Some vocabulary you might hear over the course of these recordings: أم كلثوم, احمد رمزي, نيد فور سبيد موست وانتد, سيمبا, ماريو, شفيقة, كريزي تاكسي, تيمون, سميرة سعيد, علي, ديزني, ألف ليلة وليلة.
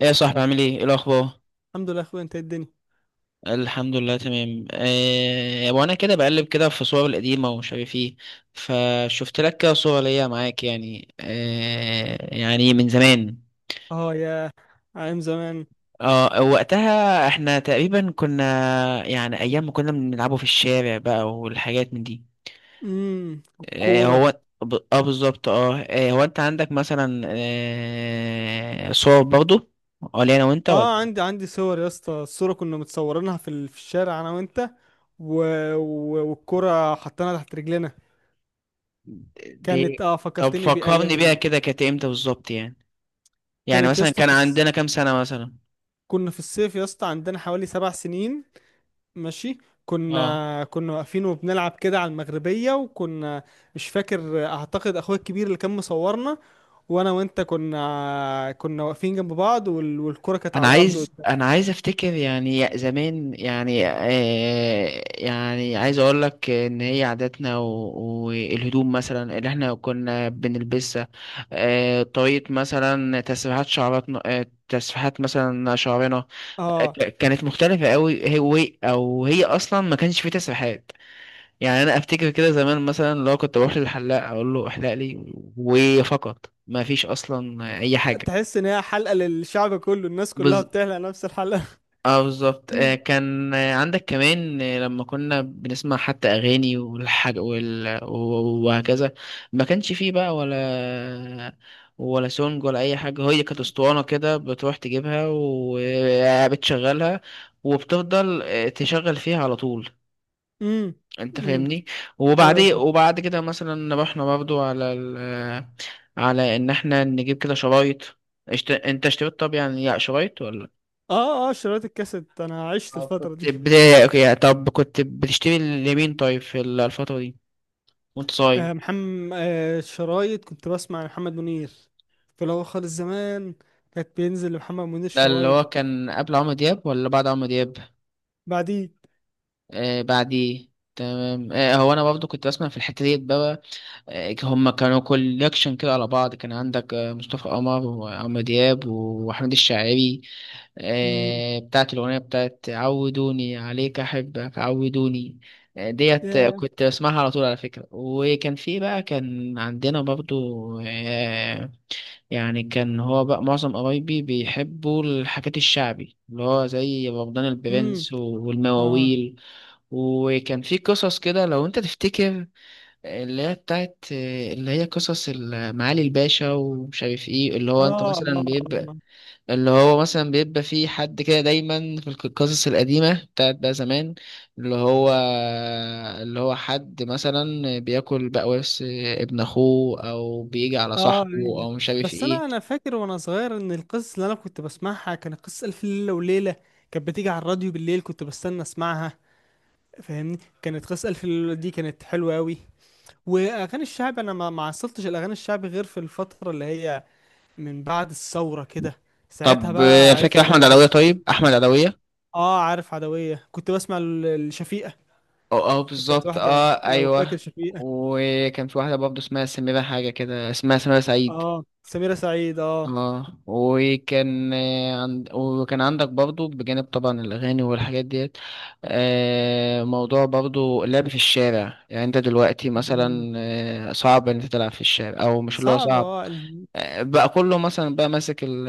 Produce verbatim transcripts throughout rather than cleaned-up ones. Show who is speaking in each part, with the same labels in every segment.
Speaker 1: ايه يا صاحبي، عامل ايه؟ إيه الاخبار؟
Speaker 2: الحمد لله يا اخويا، انت إيه الدنيا؟
Speaker 1: الحمد لله تمام. أه وانا كده بقلب كده في صور القديمه ومش عارف ايه، فشفت لك كده صوره ليا معاك، يعني أه يعني من زمان.
Speaker 2: اه، يا ايام زمان.
Speaker 1: اه وقتها احنا تقريبا كنا، يعني ايام ما كنا بنلعبوا في الشارع بقى والحاجات من دي.
Speaker 2: امم
Speaker 1: أه
Speaker 2: الكوره.
Speaker 1: هو ب- اه بالظبط. اه آه، هو انت عندك مثلا أه صور برضو ولا انا وانت؟ ولا
Speaker 2: اه، عندي عندي صور يا اسطى. الصوره كنا متصورينها في ال- في الشارع انا وانت، و... و... والكوره حطيناها تحت رجلنا. كانت،
Speaker 1: دي؟
Speaker 2: اه،
Speaker 1: طب
Speaker 2: فكرتني
Speaker 1: فكرني
Speaker 2: بايام
Speaker 1: بيها
Speaker 2: ال...
Speaker 1: كده، كانت امتى بالظبط يعني؟ يعني
Speaker 2: كانت يا
Speaker 1: مثلا
Speaker 2: اسطى
Speaker 1: كان
Speaker 2: في الس...
Speaker 1: عندنا كام سنة مثلا؟
Speaker 2: كنا في الصيف يا اسطى، عندنا حوالي سبع سنين. ماشي.
Speaker 1: اه،
Speaker 2: كنا كنا واقفين وبنلعب كده على المغربيه، وكنا مش فاكر. اعتقد اخويا الكبير اللي كان مصورنا، وانا وانت كنا كنا واقفين جنب بعض، وال... والكرة كانت
Speaker 1: انا
Speaker 2: على الارض
Speaker 1: عايز
Speaker 2: قدام.
Speaker 1: انا عايز افتكر يعني زمان، يعني آه يعني عايز اقول لك ان هي عاداتنا و- والهدوم مثلا اللي احنا كنا بنلبسها. آه طريقة مثلا تسريحات شعراتنا، آه تسريحات مثلا شعرنا. آه،
Speaker 2: اه.
Speaker 1: ك- كانت مختلفة قوي، هي وي- او هي اصلا ما كانش في تسريحات. يعني انا افتكر كده زمان، مثلا لو كنت بروح للحلاق اقول له احلق لي وفقط، ما فيش اصلا اي حاجة.
Speaker 2: تحس ان هي حلقة للشعب كله، الناس كلها
Speaker 1: بز...
Speaker 2: بتحلق نفس الحلقة.
Speaker 1: اه بالظبط. آه، كان، آه، عندك كمان، آه، لما كنا بنسمع حتى اغاني والحاج وال... و- وهكذا. ما كانش فيه بقى ولا، ولا سونج ولا اي حاجه، هي كانت اسطوانه كده بتروح تجيبها وبتشغلها، وبتفضل آه، تشغل فيها على طول.
Speaker 2: امم.
Speaker 1: انت
Speaker 2: امم.
Speaker 1: فاهمني؟
Speaker 2: ايوه،
Speaker 1: وبعدين،
Speaker 2: فاهم.
Speaker 1: وبعد كده مثلا رحنا برضو على ال... على ان احنا نجيب كده شرايط. اشت... انت اشتريت، طب يعني شرايط ولا؟
Speaker 2: اه، اه، شرايط الكاسيت، انا عشت
Speaker 1: اه
Speaker 2: الفترة
Speaker 1: كنت
Speaker 2: دي.
Speaker 1: بداية، اوكي. طب كنت بتشتري لمين طيب في ال- الفترة دي وانت صغير؟
Speaker 2: آه، محمد، آه، شرايط، كنت بسمع لمحمد منير في الاول خالص زمان. كانت بينزل لمحمد منير
Speaker 1: ده اللي هو
Speaker 2: شرايط.
Speaker 1: كان قبل عمرو دياب ولا بعد عمرو دياب؟
Speaker 2: بعدين.
Speaker 1: آه بعديه. تمام. آه هو انا برضه كنت بسمع في الحتة ديت بقى. آه هما كانوا كوليكشن كده على بعض، كان عندك آه مصطفى قمر وعمرو دياب واحمد الشاعري.
Speaker 2: امم.
Speaker 1: آه بتاعت الاغنية بتاعت عودوني عليك احبك عودوني. آه، ديت، آه،
Speaker 2: يا.
Speaker 1: كنت بسمعها على طول على فكرة. وكان في بقى، كان عندنا برضو، يعني كان هو بقى معظم قرايبي بيحبوا الحاجات الشعبي، اللي هو زي بابدان
Speaker 2: امم.
Speaker 1: البرنس و-
Speaker 2: اه.
Speaker 1: والمواويل. وكان في قصص كده لو انت تفتكر، اللي هي بتاعت، اللي هي قصص ال- معالي الباشا ومش عارف ايه، اللي
Speaker 2: اه.
Speaker 1: هو انت
Speaker 2: آه.
Speaker 1: مثلا بيبقى،
Speaker 2: آه.
Speaker 1: اللي هو مثلا بيبقى في حد كده دايما في الق- القصص القديمة بتاعت بقى زمان، اللي هو، اللي هو حد مثلا بياكل بقى ورث ابن اخوه، او بيجي على
Speaker 2: اه.
Speaker 1: صاحبه،
Speaker 2: أيوة.
Speaker 1: او مش عارف
Speaker 2: بس
Speaker 1: ايه.
Speaker 2: انا انا فاكر وانا صغير ان القصص اللي انا كنت بسمعها كانت قصة الف ليلة وليلة. كانت بتيجي على الراديو بالليل، كنت بستنى اسمعها. فاهمني، كانت قصة الف ليلة وليلة دي كانت حلوة قوي. واغاني الشعب انا ما ما عصرتش الاغاني الشعبي غير في الفترة اللي هي من بعد الثورة كده. ساعتها
Speaker 1: طب آه،
Speaker 2: بقى
Speaker 1: فاكر
Speaker 2: عرفت بقى
Speaker 1: احمد
Speaker 2: الاغاني
Speaker 1: علوية؟
Speaker 2: الشعبي.
Speaker 1: طيب احمد علوية،
Speaker 2: اه، عارف، عدوية كنت بسمع ال- الشفيقة.
Speaker 1: اه اه
Speaker 2: كانت
Speaker 1: بالظبط
Speaker 2: واحدة،
Speaker 1: اه
Speaker 2: لو فاكر،
Speaker 1: ايوه.
Speaker 2: شفيقة.
Speaker 1: وكان في واحدة برضه اسمها سميرة، حاجة كده اسمها سميرة سعيد.
Speaker 2: اه، سميرة سعيد، اه.
Speaker 1: اه، وكان آه، عند... وكان عندك برضه بجانب طبعا الاغاني والحاجات ديت، آه، موضوع برضه اللعب في الشارع. يعني انت دلوقتي
Speaker 2: مم.
Speaker 1: مثلا آه، صعب ان انت تلعب في الشارع، او مش اللي هو
Speaker 2: صعب،
Speaker 1: صعب،
Speaker 2: اه.
Speaker 1: آه، بقى كله مثلا بقى ماسك ال-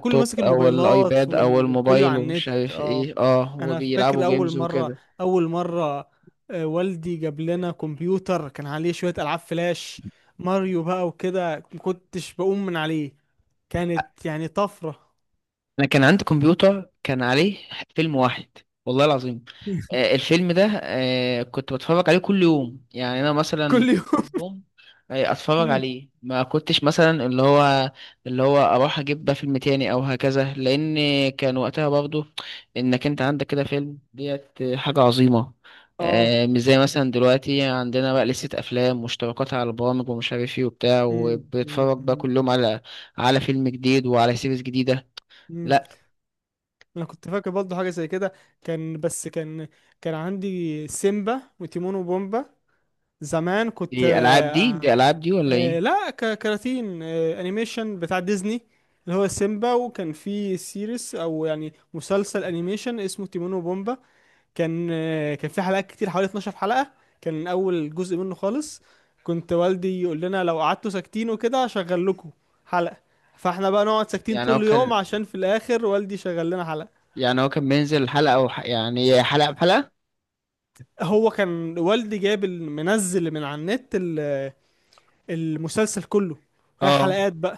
Speaker 2: كله ماسك
Speaker 1: او
Speaker 2: الموبايلات،
Speaker 1: الايباد او
Speaker 2: وال- وكله
Speaker 1: الموبايل
Speaker 2: على النت،
Speaker 1: ومش عارف
Speaker 2: اه.
Speaker 1: ايه، اه
Speaker 2: انا فاكر
Speaker 1: وبيلعبوا
Speaker 2: اول
Speaker 1: جيمز
Speaker 2: مره
Speaker 1: وكده.
Speaker 2: اول مره آه، والدي جاب لنا كمبيوتر كان عليه شويه العاب فلاش، ماريو بقى وكده. ما كنتش بقوم من عليه، كانت يعني طفره.
Speaker 1: انا كان عندي كمبيوتر كان عليه فيلم واحد، والله العظيم. آه، الفيلم ده، آه، كنت بتفرج عليه كل يوم. يعني انا مثلا
Speaker 2: كل يوم،
Speaker 1: يوم، آه، اتفرج عليه، ما كنتش مثلا اللي هو، اللي هو اروح اجيب بقى فيلم تاني او هكذا، لان كان وقتها برضو انك انت عندك كده فيلم ديت حاجة عظيمة.
Speaker 2: اه.
Speaker 1: آه، مش زي مثلا دلوقتي عندنا بقى لستة افلام واشتراكات على البرامج ومش عارف ايه وبتاع،
Speaker 2: أمم، أمم،
Speaker 1: وبتتفرج بقى
Speaker 2: أمم،
Speaker 1: كل يوم على، على فيلم جديد وعلى سيريز جديدة.
Speaker 2: أمم.
Speaker 1: لا،
Speaker 2: انا كنت فاكر برضه حاجه زي كده. كان بس كان كان عندي سيمبا وتيمون وبومبا. زمان كنت،
Speaker 1: دي العاب دي
Speaker 2: آه،
Speaker 1: دي العاب دي ولا ايه؟
Speaker 2: آه، لا، ك- كراتين، آه، انيميشن بتاع ديزني، اللي هو سيمبا. وكان في سيريس، او يعني مسلسل انيميشن اسمه تيمون وبومبا. كان، آه، كان في حلقات كتير، حوالي 12 حلقة. كان اول جزء منه خالص. كنت والدي يقول لنا لو قعدتوا ساكتين وكده هشغل لكم حلقة، فاحنا بقى نقعد ساكتين
Speaker 1: يعني هو
Speaker 2: طول اليوم
Speaker 1: كان
Speaker 2: عشان في الاخر والدي شغل لنا حلقة.
Speaker 1: يعني هو كان بينزل حلقة او ح... يعني حلقة بحلقة.
Speaker 2: هو كان والدي جايب ال- منزل من على النت ال- المسلسل كله، هي
Speaker 1: اه
Speaker 2: حلقات بقى.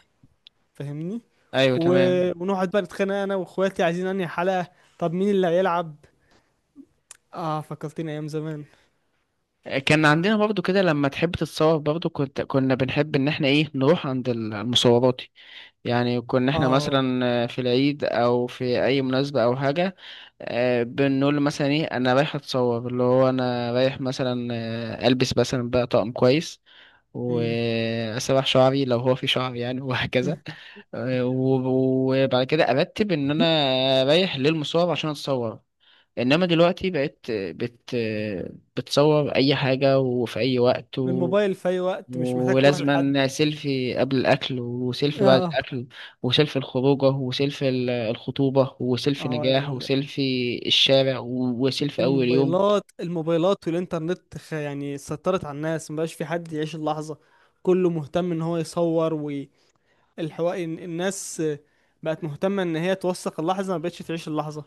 Speaker 2: فاهمني.
Speaker 1: ايوه
Speaker 2: و...
Speaker 1: تمام.
Speaker 2: ونقعد بقى نتخانق انا واخواتي، عايزين انهي حلقة، طب مين اللي هيلعب. اه، فكرتني ايام زمان.
Speaker 1: كان عندنا برضو كده لما تحب تتصور برضو، كنت كنا بنحب ان احنا ايه، نروح عند ال- المصورات. يعني كنا احنا
Speaker 2: اه.
Speaker 1: مثلا في العيد او في اي مناسبة او حاجة، آه، بنقول له مثلا ايه انا رايح اتصور، اللي هو انا رايح مثلا آه، البس مثلا بقى طقم كويس
Speaker 2: امم.
Speaker 1: واسرح شعري لو هو في شعر يعني وهكذا. آه، و- وبعد كده ارتب ان انا رايح للمصور عشان اتصور. انما دلوقتي بقيت بت، بتصور اي حاجه وفي اي وقت و...
Speaker 2: الموبايل في اي وقت، مش محتاج تروح لحد.
Speaker 1: ولازما سيلفي قبل الاكل، وسيلفي بعد
Speaker 2: اه.
Speaker 1: الاكل، وسيلفي الخروجه، وسيلفي ال- الخطوبه، وسيلفي
Speaker 2: اه،
Speaker 1: نجاح،
Speaker 2: ال-
Speaker 1: وسيلفي الشارع، وسيلفي اول يوم.
Speaker 2: الموبايلات الموبايلات والانترنت، خ- يعني سيطرت على الناس، مبقاش في حد يعيش اللحظة. كله مهتم ان هو يصور. والحوار، الناس بقت مهتمة ان هي توثق اللحظة، مبقتش تعيش اللحظة.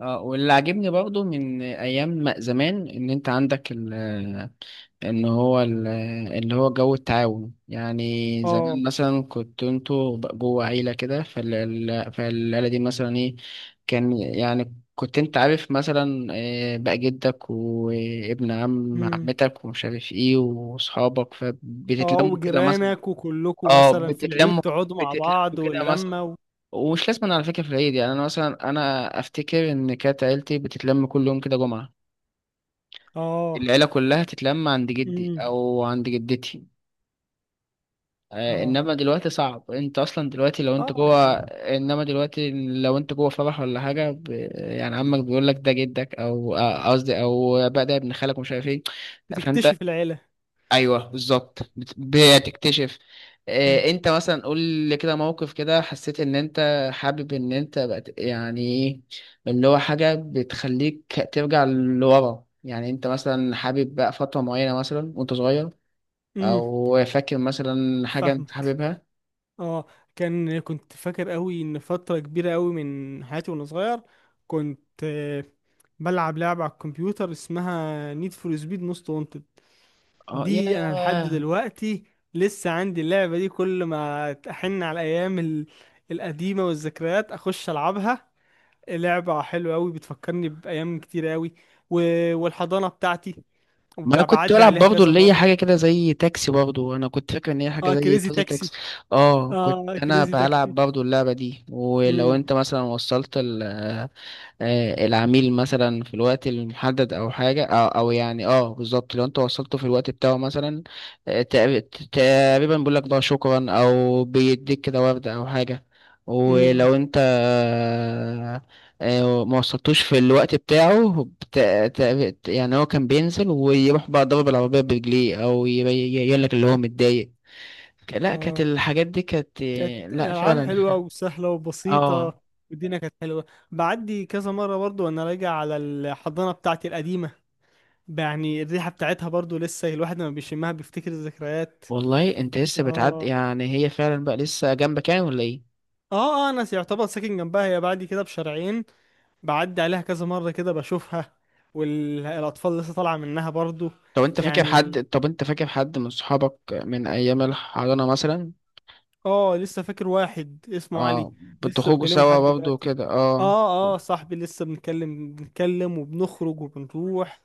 Speaker 1: اه، واللي عاجبني برضو من ايام ما زمان ان انت عندك ال، ان هو ال، اللي هو جو التعاون. يعني زمان
Speaker 2: اه.
Speaker 1: مثلا كنت انتوا ب- جوه عيلة كده، فال- فالعيلة دي مثلا ايه، كان يعني كنت انت عارف مثلا آه، بقى جدك وابن عم عمتك ومش عارف ايه واصحابك،
Speaker 2: اه،
Speaker 1: فبتتلموا كده مثلا.
Speaker 2: وجيرانك وكلكم
Speaker 1: اه
Speaker 2: مثلا في العيد
Speaker 1: بتتلموا،
Speaker 2: تقعدوا مع بعض،
Speaker 1: بتتلموا كده مثلا.
Speaker 2: واللمة، و...
Speaker 1: ومش لازم على فكرة في العيد، يعني أنا مثلا أنا أفتكر إن كانت عيلتي بتتلم كل يوم كده جمعة،
Speaker 2: اه.
Speaker 1: العيلة كلها تتلم عند جدي
Speaker 2: امم.
Speaker 1: أو عند جدتي. آه،
Speaker 2: اه.
Speaker 1: إنما دلوقتي صعب، أنت أصلا دلوقتي لو أنت
Speaker 2: اه،
Speaker 1: جوه،
Speaker 2: يعني
Speaker 1: إنما دلوقتي لو أنت جوه فرح ولا حاجة، ب... يعني عمك بيقول لك ده جدك أو آه، قصدي أو بقى ده ابن خالك ومش عارف إيه، فأنت،
Speaker 2: بتكتشف العيلة.
Speaker 1: ايوه بالظبط بت- بتكتشف. آه،
Speaker 2: آه.
Speaker 1: انت مثلا قول لي كده موقف كده حسيت ان انت حابب ان انت بقت يعني ايه، اللي هو حاجه بتخليك ترجع لورا. يعني انت مثلا حابب بقى فتره معينه مثلا وانت صغير،
Speaker 2: امم.
Speaker 1: او فاكر مثلا حاجه انت
Speaker 2: فاهمك،
Speaker 1: حاببها؟
Speaker 2: اه. كان كنت فاكر قوي ان فترة كبيرة قوي من حياتي وانا صغير، كنت، آه، بلعب لعبة على الكمبيوتر اسمها نيد فور سبيد موست وانتد.
Speaker 1: اه
Speaker 2: دي انا لحد
Speaker 1: ياه.
Speaker 2: دلوقتي لسه عندي اللعبة دي، كل ما احن على الايام ال- القديمة والذكريات اخش العبها. لعبة حلوة أوي، بتفكرني بأيام كتير أوي. و... والحضانة بتاعتي، وب-
Speaker 1: ما انا كنت
Speaker 2: بعدي
Speaker 1: بلعب
Speaker 2: عليها
Speaker 1: برضه
Speaker 2: كذا
Speaker 1: اللي هي
Speaker 2: مرة.
Speaker 1: حاجه كده زي تاكسي، برضه انا كنت فاكر ان هي حاجه
Speaker 2: اه،
Speaker 1: زي
Speaker 2: كريزي
Speaker 1: كذا
Speaker 2: تاكسي.
Speaker 1: تاكسي. اه كنت
Speaker 2: اه،
Speaker 1: انا
Speaker 2: كريزي
Speaker 1: بلعب
Speaker 2: تاكسي.
Speaker 1: برضه اللعبه دي، ولو
Speaker 2: امم.
Speaker 1: انت مثلا وصلت ال، آه، العميل مثلا في الوقت المحدد او حاجه، او او يعني اه بالظبط، لو انت وصلته في الوقت بتاعه مثلا، آه، تق- تقريبا بيقول لك بقى شكرا، او بيديك كده ورده او حاجه.
Speaker 2: امم.
Speaker 1: ولو انت آه، آه، ما وصلتوش في الوقت بتاعه بت- تق- يعني هو كان بينزل ويروح بقى ضرب العربيه برجليه، او يبين لك اللي هو متضايق. لا كانت
Speaker 2: اه،
Speaker 1: الحاجات دي كانت
Speaker 2: كانت
Speaker 1: آه، لا
Speaker 2: ألعاب حلوة
Speaker 1: فعلا.
Speaker 2: وسهلة
Speaker 1: اه،
Speaker 2: وبسيطة. والدنيا كانت حلوة. بعدي كذا مرة برضو وأنا راجع على الحضانة بتاعتي القديمة، يعني الريحة بتاعتها برضو لسه الواحد لما بيشمها بيفتكر الذكريات.
Speaker 1: والله انت لسه بتعدي؟
Speaker 2: اه.
Speaker 1: يعني هي فعلا بقى لسه جنبك يعني ولا ايه؟
Speaker 2: اه، اه، انا يعتبر ساكن جنبها، هي بعدي كده بشارعين. بعدي عليها كذا مرة كده، بشوفها، والأطفال لسه طالعة منها برضو.
Speaker 1: طب انت فاكر
Speaker 2: يعني،
Speaker 1: حد، طب انت فاكر حد من صحابك من ايام الحضانة مثلا؟
Speaker 2: اه، لسه فاكر واحد اسمه علي،
Speaker 1: اه
Speaker 2: لسه
Speaker 1: بتخرجوا
Speaker 2: بكلمه
Speaker 1: سوا
Speaker 2: لحد
Speaker 1: برضه
Speaker 2: دلوقتي.
Speaker 1: وكده؟ اه
Speaker 2: اه، اه، صاحبي، لسه بنتكلم بنتكلم وبنخرج وبنروح،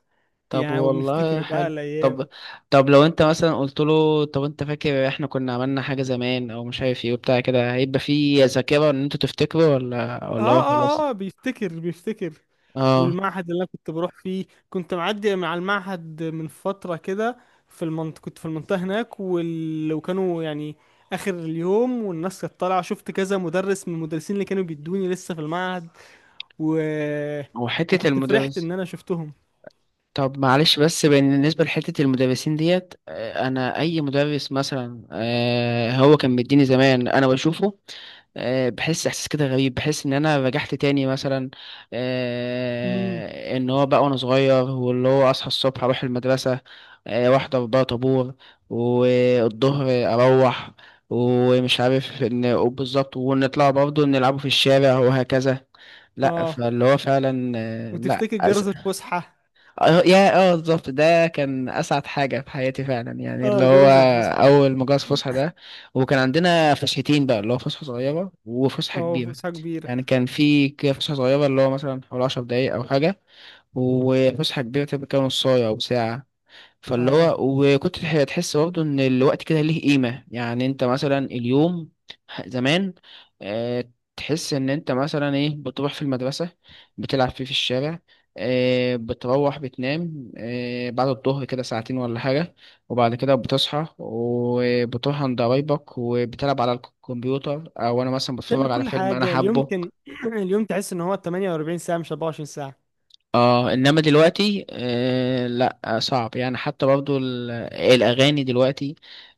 Speaker 1: طب
Speaker 2: يعني
Speaker 1: والله
Speaker 2: وبنفتكر بقى
Speaker 1: حلو. طب،
Speaker 2: الأيام.
Speaker 1: طب لو انت مثلا قلت له طب انت فاكر احنا كنا عملنا حاجة زمان او مش عارف ايه وبتاع كده، هيبقى في ذاكرة ان انتوا تفتكروا، ولا، ولا
Speaker 2: اه،
Speaker 1: هو خلاص؟
Speaker 2: اه، اه، بيفتكر، بيفتكر.
Speaker 1: اه.
Speaker 2: والمعهد اللي انا كنت بروح فيه، كنت معدي مع المعهد من فترة كده في المنطقة. كنت في المنطقة هناك، وال... وكانوا، يعني، اخر اليوم والناس كانت طالعة، شفت كذا مدرس من المدرسين اللي كانوا بيدوني لسه في المعهد، و...
Speaker 1: وحتة
Speaker 2: وكنت فرحت
Speaker 1: المدرس،
Speaker 2: ان انا شفتهم.
Speaker 1: طب معلش بس بالنسبة لحتة المدرسين ديت، آه، أنا أي مدرس مثلا آه، هو كان مديني زمان، أنا بشوفه آه، بحس إحساس كده غريب، بحس إن أنا رجعت تاني مثلا،
Speaker 2: امم.
Speaker 1: آه، إن هو بقى وأنا صغير واللي هو أصحى الصبح أروح المدرسة، آه، وأحضر بقى طابور، والظهر أروح، ومش عارف إن بالظبط، ونطلع برضه نلعبوا في الشارع وهكذا. لأ،
Speaker 2: اه،
Speaker 1: فاللي هو فعلا آه، لأ.
Speaker 2: وتفتكر جرس الفسحة.
Speaker 1: اه يا، اه بالظبط، ده كان اسعد حاجه في حياتي فعلا، يعني اللي
Speaker 2: اه،
Speaker 1: هو
Speaker 2: جرس الفسحة.
Speaker 1: اول مجاز فسحه ده. وكان عندنا فسحتين بقى، اللي هو فسحه صغيره وفسحه
Speaker 2: اه،
Speaker 1: كبيره.
Speaker 2: فسحة كبيرة.
Speaker 1: يعني كان في كده فسحه صغيره اللي هو مثلا حوالي 10 دقايق او حاجه، وفسحه كبيره تبقى كده نص ساعه او ساعه. فاللي
Speaker 2: اه،
Speaker 1: هو، وكنت تح- تحس برضه ان الوقت كده ليه قيمة. يعني انت مثلا اليوم، ح- زمان آه، تحس ان انت مثلا ايه بتروح في المدرسة، بتلعب فيه في الشارع، آه، بتروح بتنام آه، بعد الظهر كده ساعتين ولا حاجة، وبعد كده بتصحى وبتروح عند قرايبك وبتلعب على الكمبيوتر او انا مثلا
Speaker 2: تعمل
Speaker 1: بتفرج على
Speaker 2: كل
Speaker 1: فيلم انا
Speaker 2: حاجة. اليوم
Speaker 1: حابه.
Speaker 2: كان اليوم تحس ان هو تمانية واربعين ساعة مش اربعة وعشرين.
Speaker 1: اه انما دلوقتي آه لا آه، صعب يعني. حتى برضو ال- الاغاني دلوقتي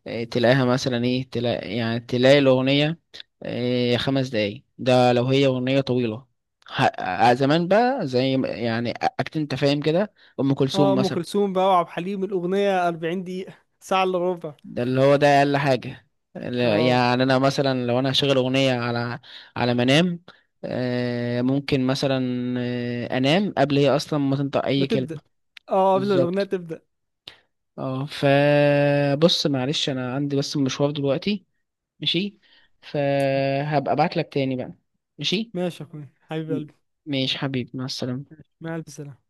Speaker 1: آه تلاقيها مثلا ايه، تلاقي يعني تلاقي الاغنيه آه خمس دقايق، ده لو هي اغنيه طويله. ه- آه، زمان بقى زي ما، يعني اكيد انت فاهم كده، ام
Speaker 2: اه،
Speaker 1: كلثوم
Speaker 2: ام
Speaker 1: مثلا.
Speaker 2: كلثوم بقى وعبد الحليم، الاغنيه اربعين دقيقة دقيقه، ساعه الا ربع.
Speaker 1: ده اللي هو ده اقل حاجه. لا-
Speaker 2: اه،
Speaker 1: يعني انا مثلا لو انا هشغل اغنيه على، على منام، آه ممكن مثلا آه انام قبل هي اصلا ما تنطق
Speaker 2: ما
Speaker 1: اي
Speaker 2: تبدا.
Speaker 1: كلمه.
Speaker 2: اه، قبل ما الاغنيه
Speaker 1: بالظبط.
Speaker 2: تبدا.
Speaker 1: اه فبص معلش، انا عندي بس مشوار دلوقتي، ماشي؟ فهبقى ابعت لك تاني بقى، ماشي؟
Speaker 2: ماشي يا اخوي، حبيب
Speaker 1: م-
Speaker 2: قلبي.
Speaker 1: ماشي حبيبي، مع السلامة.
Speaker 2: مع الف سلامه.